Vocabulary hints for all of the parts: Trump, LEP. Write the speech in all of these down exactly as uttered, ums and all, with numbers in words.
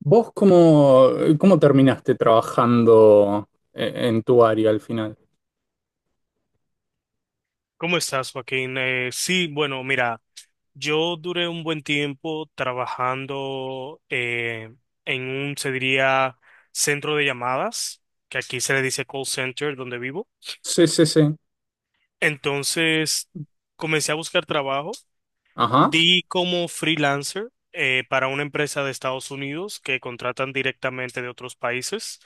¿Vos cómo, cómo terminaste trabajando e- en tu área al final? ¿Cómo estás, Joaquín? Eh, sí, bueno, mira, yo duré un buen tiempo trabajando eh, en un, se diría, centro de llamadas, que aquí se le dice call center, donde vivo. Sí, sí, sí. Entonces, comencé a buscar trabajo, Ajá. di como freelancer eh, para una empresa de Estados Unidos que contratan directamente de otros países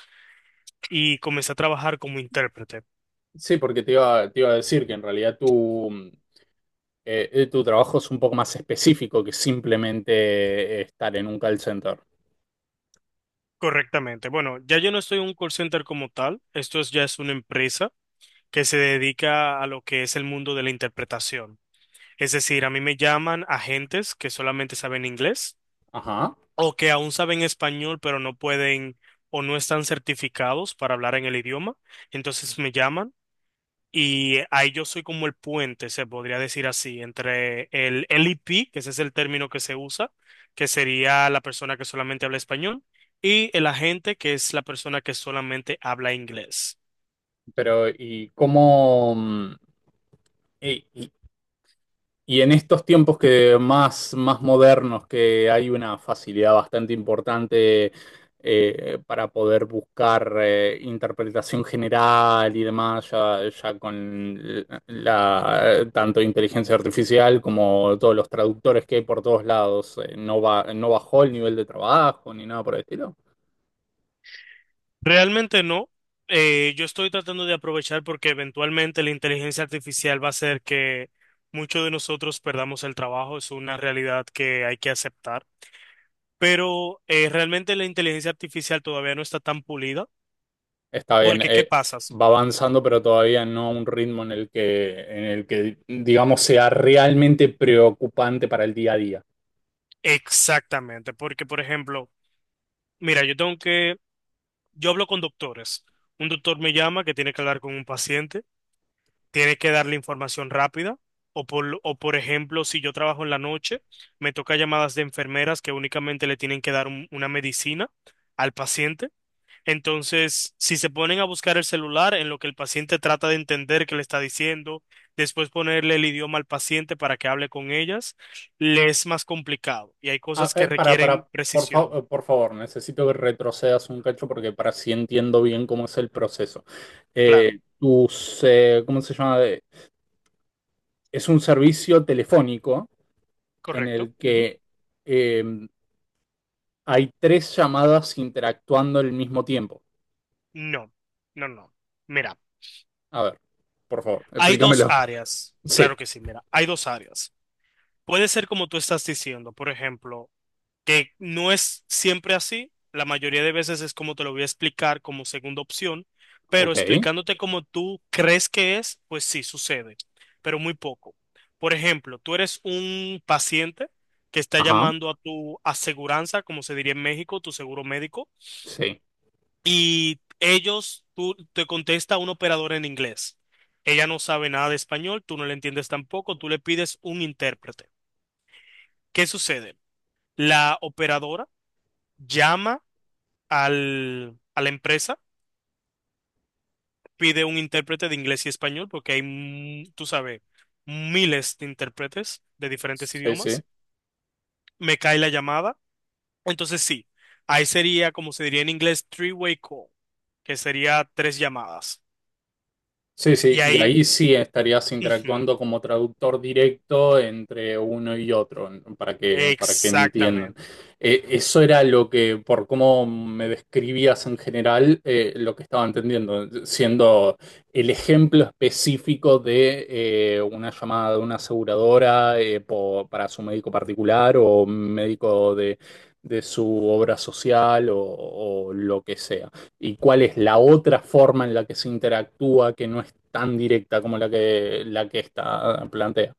y comencé a trabajar como intérprete. Sí, porque te iba, te iba a decir que en realidad tu, eh, eh, tu trabajo es un poco más específico que simplemente eh, estar en un call center. Correctamente. Bueno, ya yo no estoy en un call center como tal, esto es, ya es una empresa que se dedica a lo que es el mundo de la interpretación. Es decir, a mí me llaman agentes que solamente saben inglés Ajá. o que aún saben español, pero no pueden o no están certificados para hablar en el idioma. Entonces me llaman y ahí yo soy como el puente, se podría decir así, entre el L E P, que ese es el término que se usa, que sería la persona que solamente habla español, y el agente, que es la persona que solamente habla inglés. Pero, ¿y cómo, mm, y, y en estos tiempos que más, más modernos, que hay una facilidad bastante importante eh, para poder buscar eh, interpretación general y demás, ya, ya con la, tanto inteligencia artificial como todos los traductores que hay por todos lados, eh, no va, no bajó el nivel de trabajo ni nada por el estilo. Realmente no. Eh, yo estoy tratando de aprovechar porque eventualmente la inteligencia artificial va a hacer que muchos de nosotros perdamos el trabajo. Es una realidad que hay que aceptar. Pero eh, realmente la inteligencia artificial todavía no está tan pulida. Está bien. Porque, ¿qué eh, pasas? Va avanzando, pero todavía no a un ritmo en el que, en el que, digamos, sea realmente preocupante para el día a día. Exactamente. Porque, por ejemplo, mira, yo tengo que, yo hablo con doctores. Un doctor me llama que tiene que hablar con un paciente. Tiene que darle información rápida. O por, o por ejemplo, si yo trabajo en la noche, me toca llamadas de enfermeras que únicamente le tienen que dar un- una medicina al paciente. Entonces, si se ponen a buscar el celular en lo que el paciente trata de entender qué le está diciendo, después ponerle el idioma al paciente para que hable con ellas, le es más complicado. Y hay Ah, cosas que eh, para, requieren para, por fa- precisión. eh, por favor, necesito que retrocedas un cacho porque para si entiendo bien cómo es el proceso. Claro, Eh, tus, eh, ¿cómo se llama? Eh, Es un servicio telefónico en correcto. el Ujú. que eh, hay tres llamadas interactuando al mismo tiempo. No, no, no. Mira, A ver, por favor, hay dos explícamelo. áreas. Sí, Claro que sí, mira, hay dos áreas. Puede ser como tú estás diciendo, por ejemplo, que no es siempre así, la mayoría de veces es como te lo voy a explicar como segunda opción, pero ok, explicándote como tú crees que es, pues sí sucede, pero muy poco. Por ejemplo, tú eres un paciente que está ajá, llamando a tu aseguranza, como se diría en México, tu seguro médico, sí, y ellos, tú te contesta un operador en inglés. Ella no sabe nada de español, tú no le entiendes tampoco, tú le pides un intérprete. ¿Qué sucede? La operadora llama al, a la empresa, pide un intérprete de inglés y español, porque hay, mm, tú sabes, miles de intérpretes de diferentes sí, sí. idiomas. Me cae la llamada. Entonces sí, ahí sería, como se diría en inglés, three-way call, que sería tres llamadas. Sí, sí, Y y ahí, ahí sí estarías ujú, interactuando como traductor directo entre uno y otro, n- para que, para que entiendan. exactamente. Eh, eso era lo que, por cómo me describías en general, eh, lo que estaba entendiendo, siendo el ejemplo específico de eh, una llamada de una aseguradora eh, po- para su médico particular o médico de, de su obra social o o lo que sea, y cuál es la otra forma en la que se interactúa que no es tan directa como la que, la que esta plantea.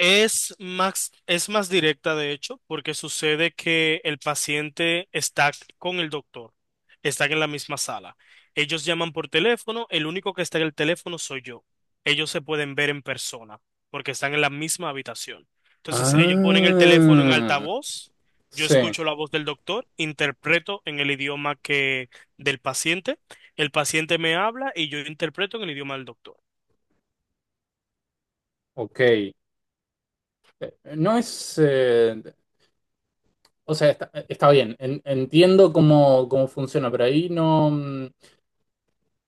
Es más, es más directa, de hecho, porque sucede que el paciente está con el doctor, están en la misma sala. Ellos llaman por teléfono, el único que está en el teléfono soy yo. Ellos se pueden ver en persona, porque están en la misma habitación. Entonces, ellos ponen el teléfono en Ah, altavoz, yo sí, escucho la voz del doctor, interpreto en el idioma que del paciente, el paciente me habla y yo interpreto en el idioma del doctor. ok. Eh, No es, eh, o sea, está, está bien, en- entiendo cómo, cómo funciona, pero ahí no, mm,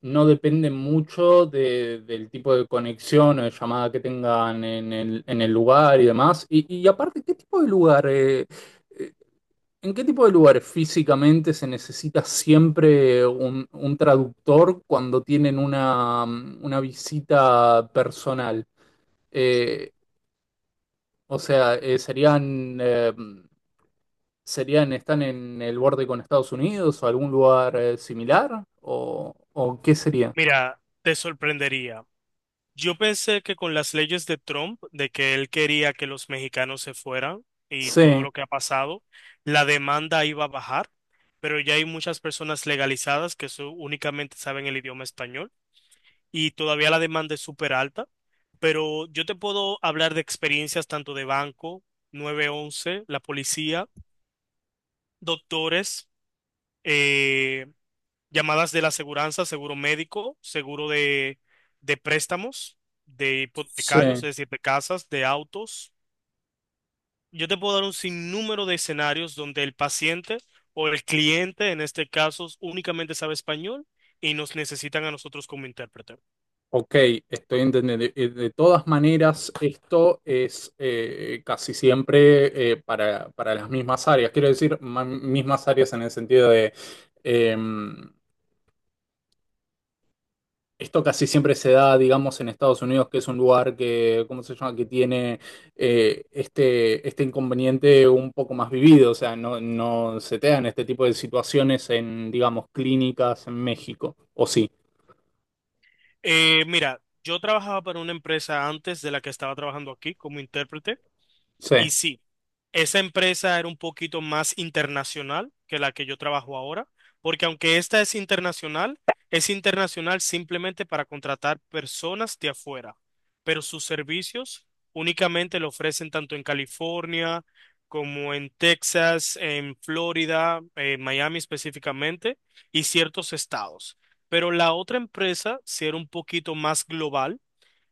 no depende mucho de- del tipo de conexión o de llamada que tengan en el, en el lugar y demás. Y, y aparte, ¿qué tipo de lugar? eh, eh, ¿En qué tipo de lugares físicamente se necesita siempre un, un traductor cuando tienen una, mm, una visita personal? Eh, o sea, eh, ¿serían, eh, ¿Serían, están en el borde con Estados Unidos o algún lugar eh, similar? ¿O, o qué sería? Mira, te sorprendería. Yo pensé que con las leyes de Trump, de que él quería que los mexicanos se fueran y todo Sí, lo que ha pasado, la demanda iba a bajar, pero ya hay muchas personas legalizadas que su- únicamente saben el idioma español y todavía la demanda es súper alta, pero yo te puedo hablar de experiencias tanto de banco, nueve once, la policía, doctores, eh, llamadas de la aseguranza, seguro médico, seguro de, de préstamos, de sí. hipotecarios, es decir, de casas, de autos. Yo te puedo dar un sinnúmero de escenarios donde el paciente o el cliente, en este caso, únicamente sabe español y nos necesitan a nosotros como intérprete. Ok, estoy entendiendo. Eh, De todas maneras, esto es eh, casi siempre eh, para, para las mismas áreas. Quiero decir, ma- mismas áreas en el sentido de, eh, esto casi siempre se da, digamos, en Estados Unidos, que es un lugar que, ¿cómo se llama?, que tiene eh, este, este inconveniente un poco más vivido. O sea, no, no se te dan este tipo de situaciones en, digamos, clínicas en México. ¿O sí? Eh, mira, yo trabajaba para una empresa antes de la que estaba trabajando aquí como intérprete. Sí. Y sí, esa empresa era un poquito más internacional que la que yo trabajo ahora, porque aunque esta es internacional, es internacional simplemente para contratar personas de afuera, pero sus servicios únicamente lo ofrecen tanto en California como en Texas, en Florida, en Miami específicamente, y ciertos estados. Pero la otra empresa sí era un poquito más global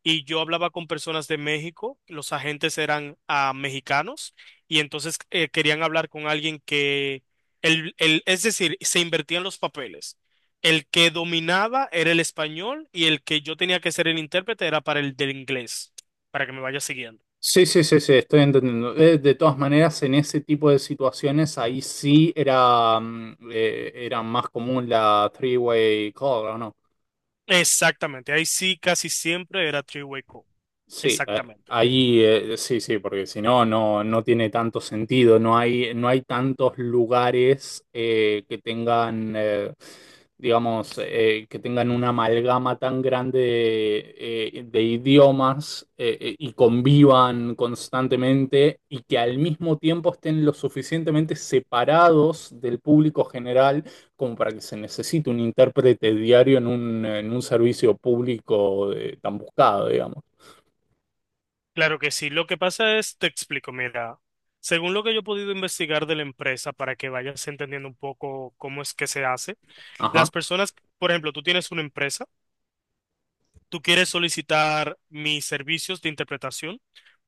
y yo hablaba con personas de México, los agentes eran ah, mexicanos y entonces eh, querían hablar con alguien que, el, el- es decir, se invertían los papeles. El que dominaba era el español y el que yo tenía que ser el intérprete era para el del inglés, para que me vaya siguiendo. Sí, sí, sí, sí, estoy entendiendo. Eh, De todas maneras, en ese tipo de situaciones, ahí sí era, mm, eh, era más común la three-way call, ¿o no? Exactamente, ahí sí casi siempre era three-way call, Sí, eh, exactamente. ahí eh, sí, sí, porque si no, no, no tiene tanto sentido, no hay, no hay tantos lugares eh, que tengan, eh, digamos, eh, que tengan una amalgama tan grande de, eh, de idiomas eh, eh, y convivan constantemente y que al mismo tiempo estén lo suficientemente separados del público general como para que se necesite un intérprete diario en un, en un servicio público eh, tan buscado, digamos. Claro que sí, lo que pasa es, te explico, mira. Según lo que yo he podido investigar de la empresa, para que vayas entendiendo un poco cómo es que se hace, Ajá. Las personas, por ejemplo, tú tienes una empresa, tú quieres solicitar mis servicios de interpretación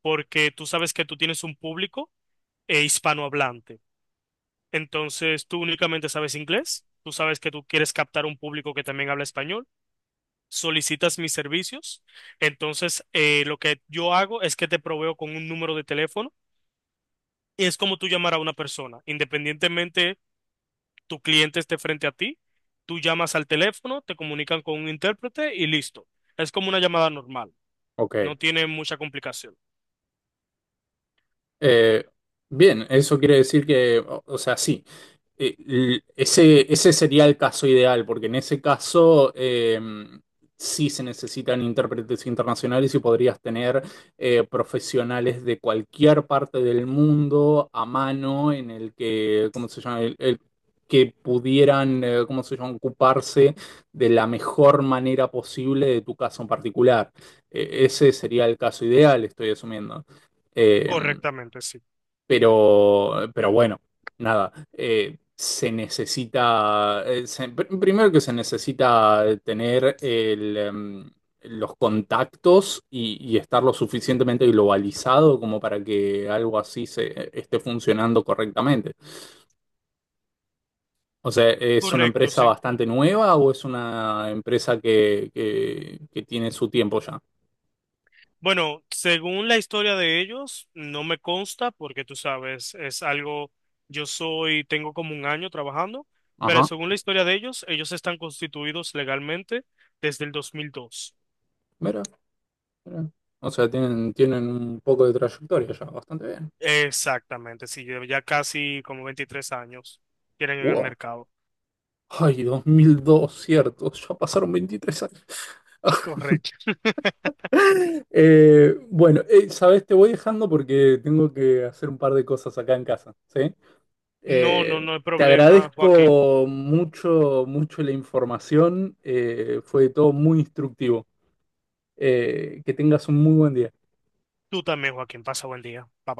porque tú sabes que tú tienes un público eh, hispanohablante. Entonces, tú únicamente sabes inglés, tú sabes que tú quieres captar un público que también habla español, solicitas mis servicios. Entonces, eh, lo que yo hago es que te proveo con un número de teléfono y es como tú llamar a una persona, independientemente tu cliente esté frente a ti, tú llamas al teléfono, te comunican con un intérprete y listo. Es como una llamada normal, Ok. no tiene mucha complicación. Eh, bien, Eso quiere decir que, o, o sea, sí, eh, l- ese, ese sería el caso ideal, porque en ese caso eh, sí se necesitan intérpretes internacionales y podrías tener eh, profesionales de cualquier parte del mundo a mano en el que, ¿cómo se llama? El- el- que pudieran, eh, ¿cómo se llama?, ocuparse de la mejor manera posible de tu caso en particular. Eh, ese sería el caso ideal, estoy asumiendo. Em, Correctamente, sí. pero, pero bueno, nada, eh, se necesita, eh, se- pr- primero que se necesita tener el, em, los contactos y, y estar lo suficientemente globalizado como para que algo así se esté funcionando correctamente. O sea, ¿es una Correcto, empresa sí. bastante nueva o es una empresa que, que, que tiene su tiempo ya? Bueno, según la historia de ellos, no me consta porque tú sabes, es algo, yo soy, tengo como un año trabajando, pero Ajá, según la historia de ellos, ellos están constituidos legalmente desde el dos mil dos. mira, mira. O sea, tienen, tienen un poco de trayectoria ya, bastante bien. Exactamente, sí. Ya ya casi como veintitrés años tienen en el Wow. mercado. Ay, dos mil dos, cierto. Ya pasaron veintitrés años. Correcto. Eh, bueno, eh, sabes, te voy dejando porque tengo que hacer un par de cosas acá en casa, ¿sí? No, Eh, no, no hay Te problema, Joaquín. agradezco mucho, mucho la información. Eh, fue todo muy instructivo. Eh, que tengas un muy buen día. Tú también, Joaquín. Pasa buen día. Bye bye.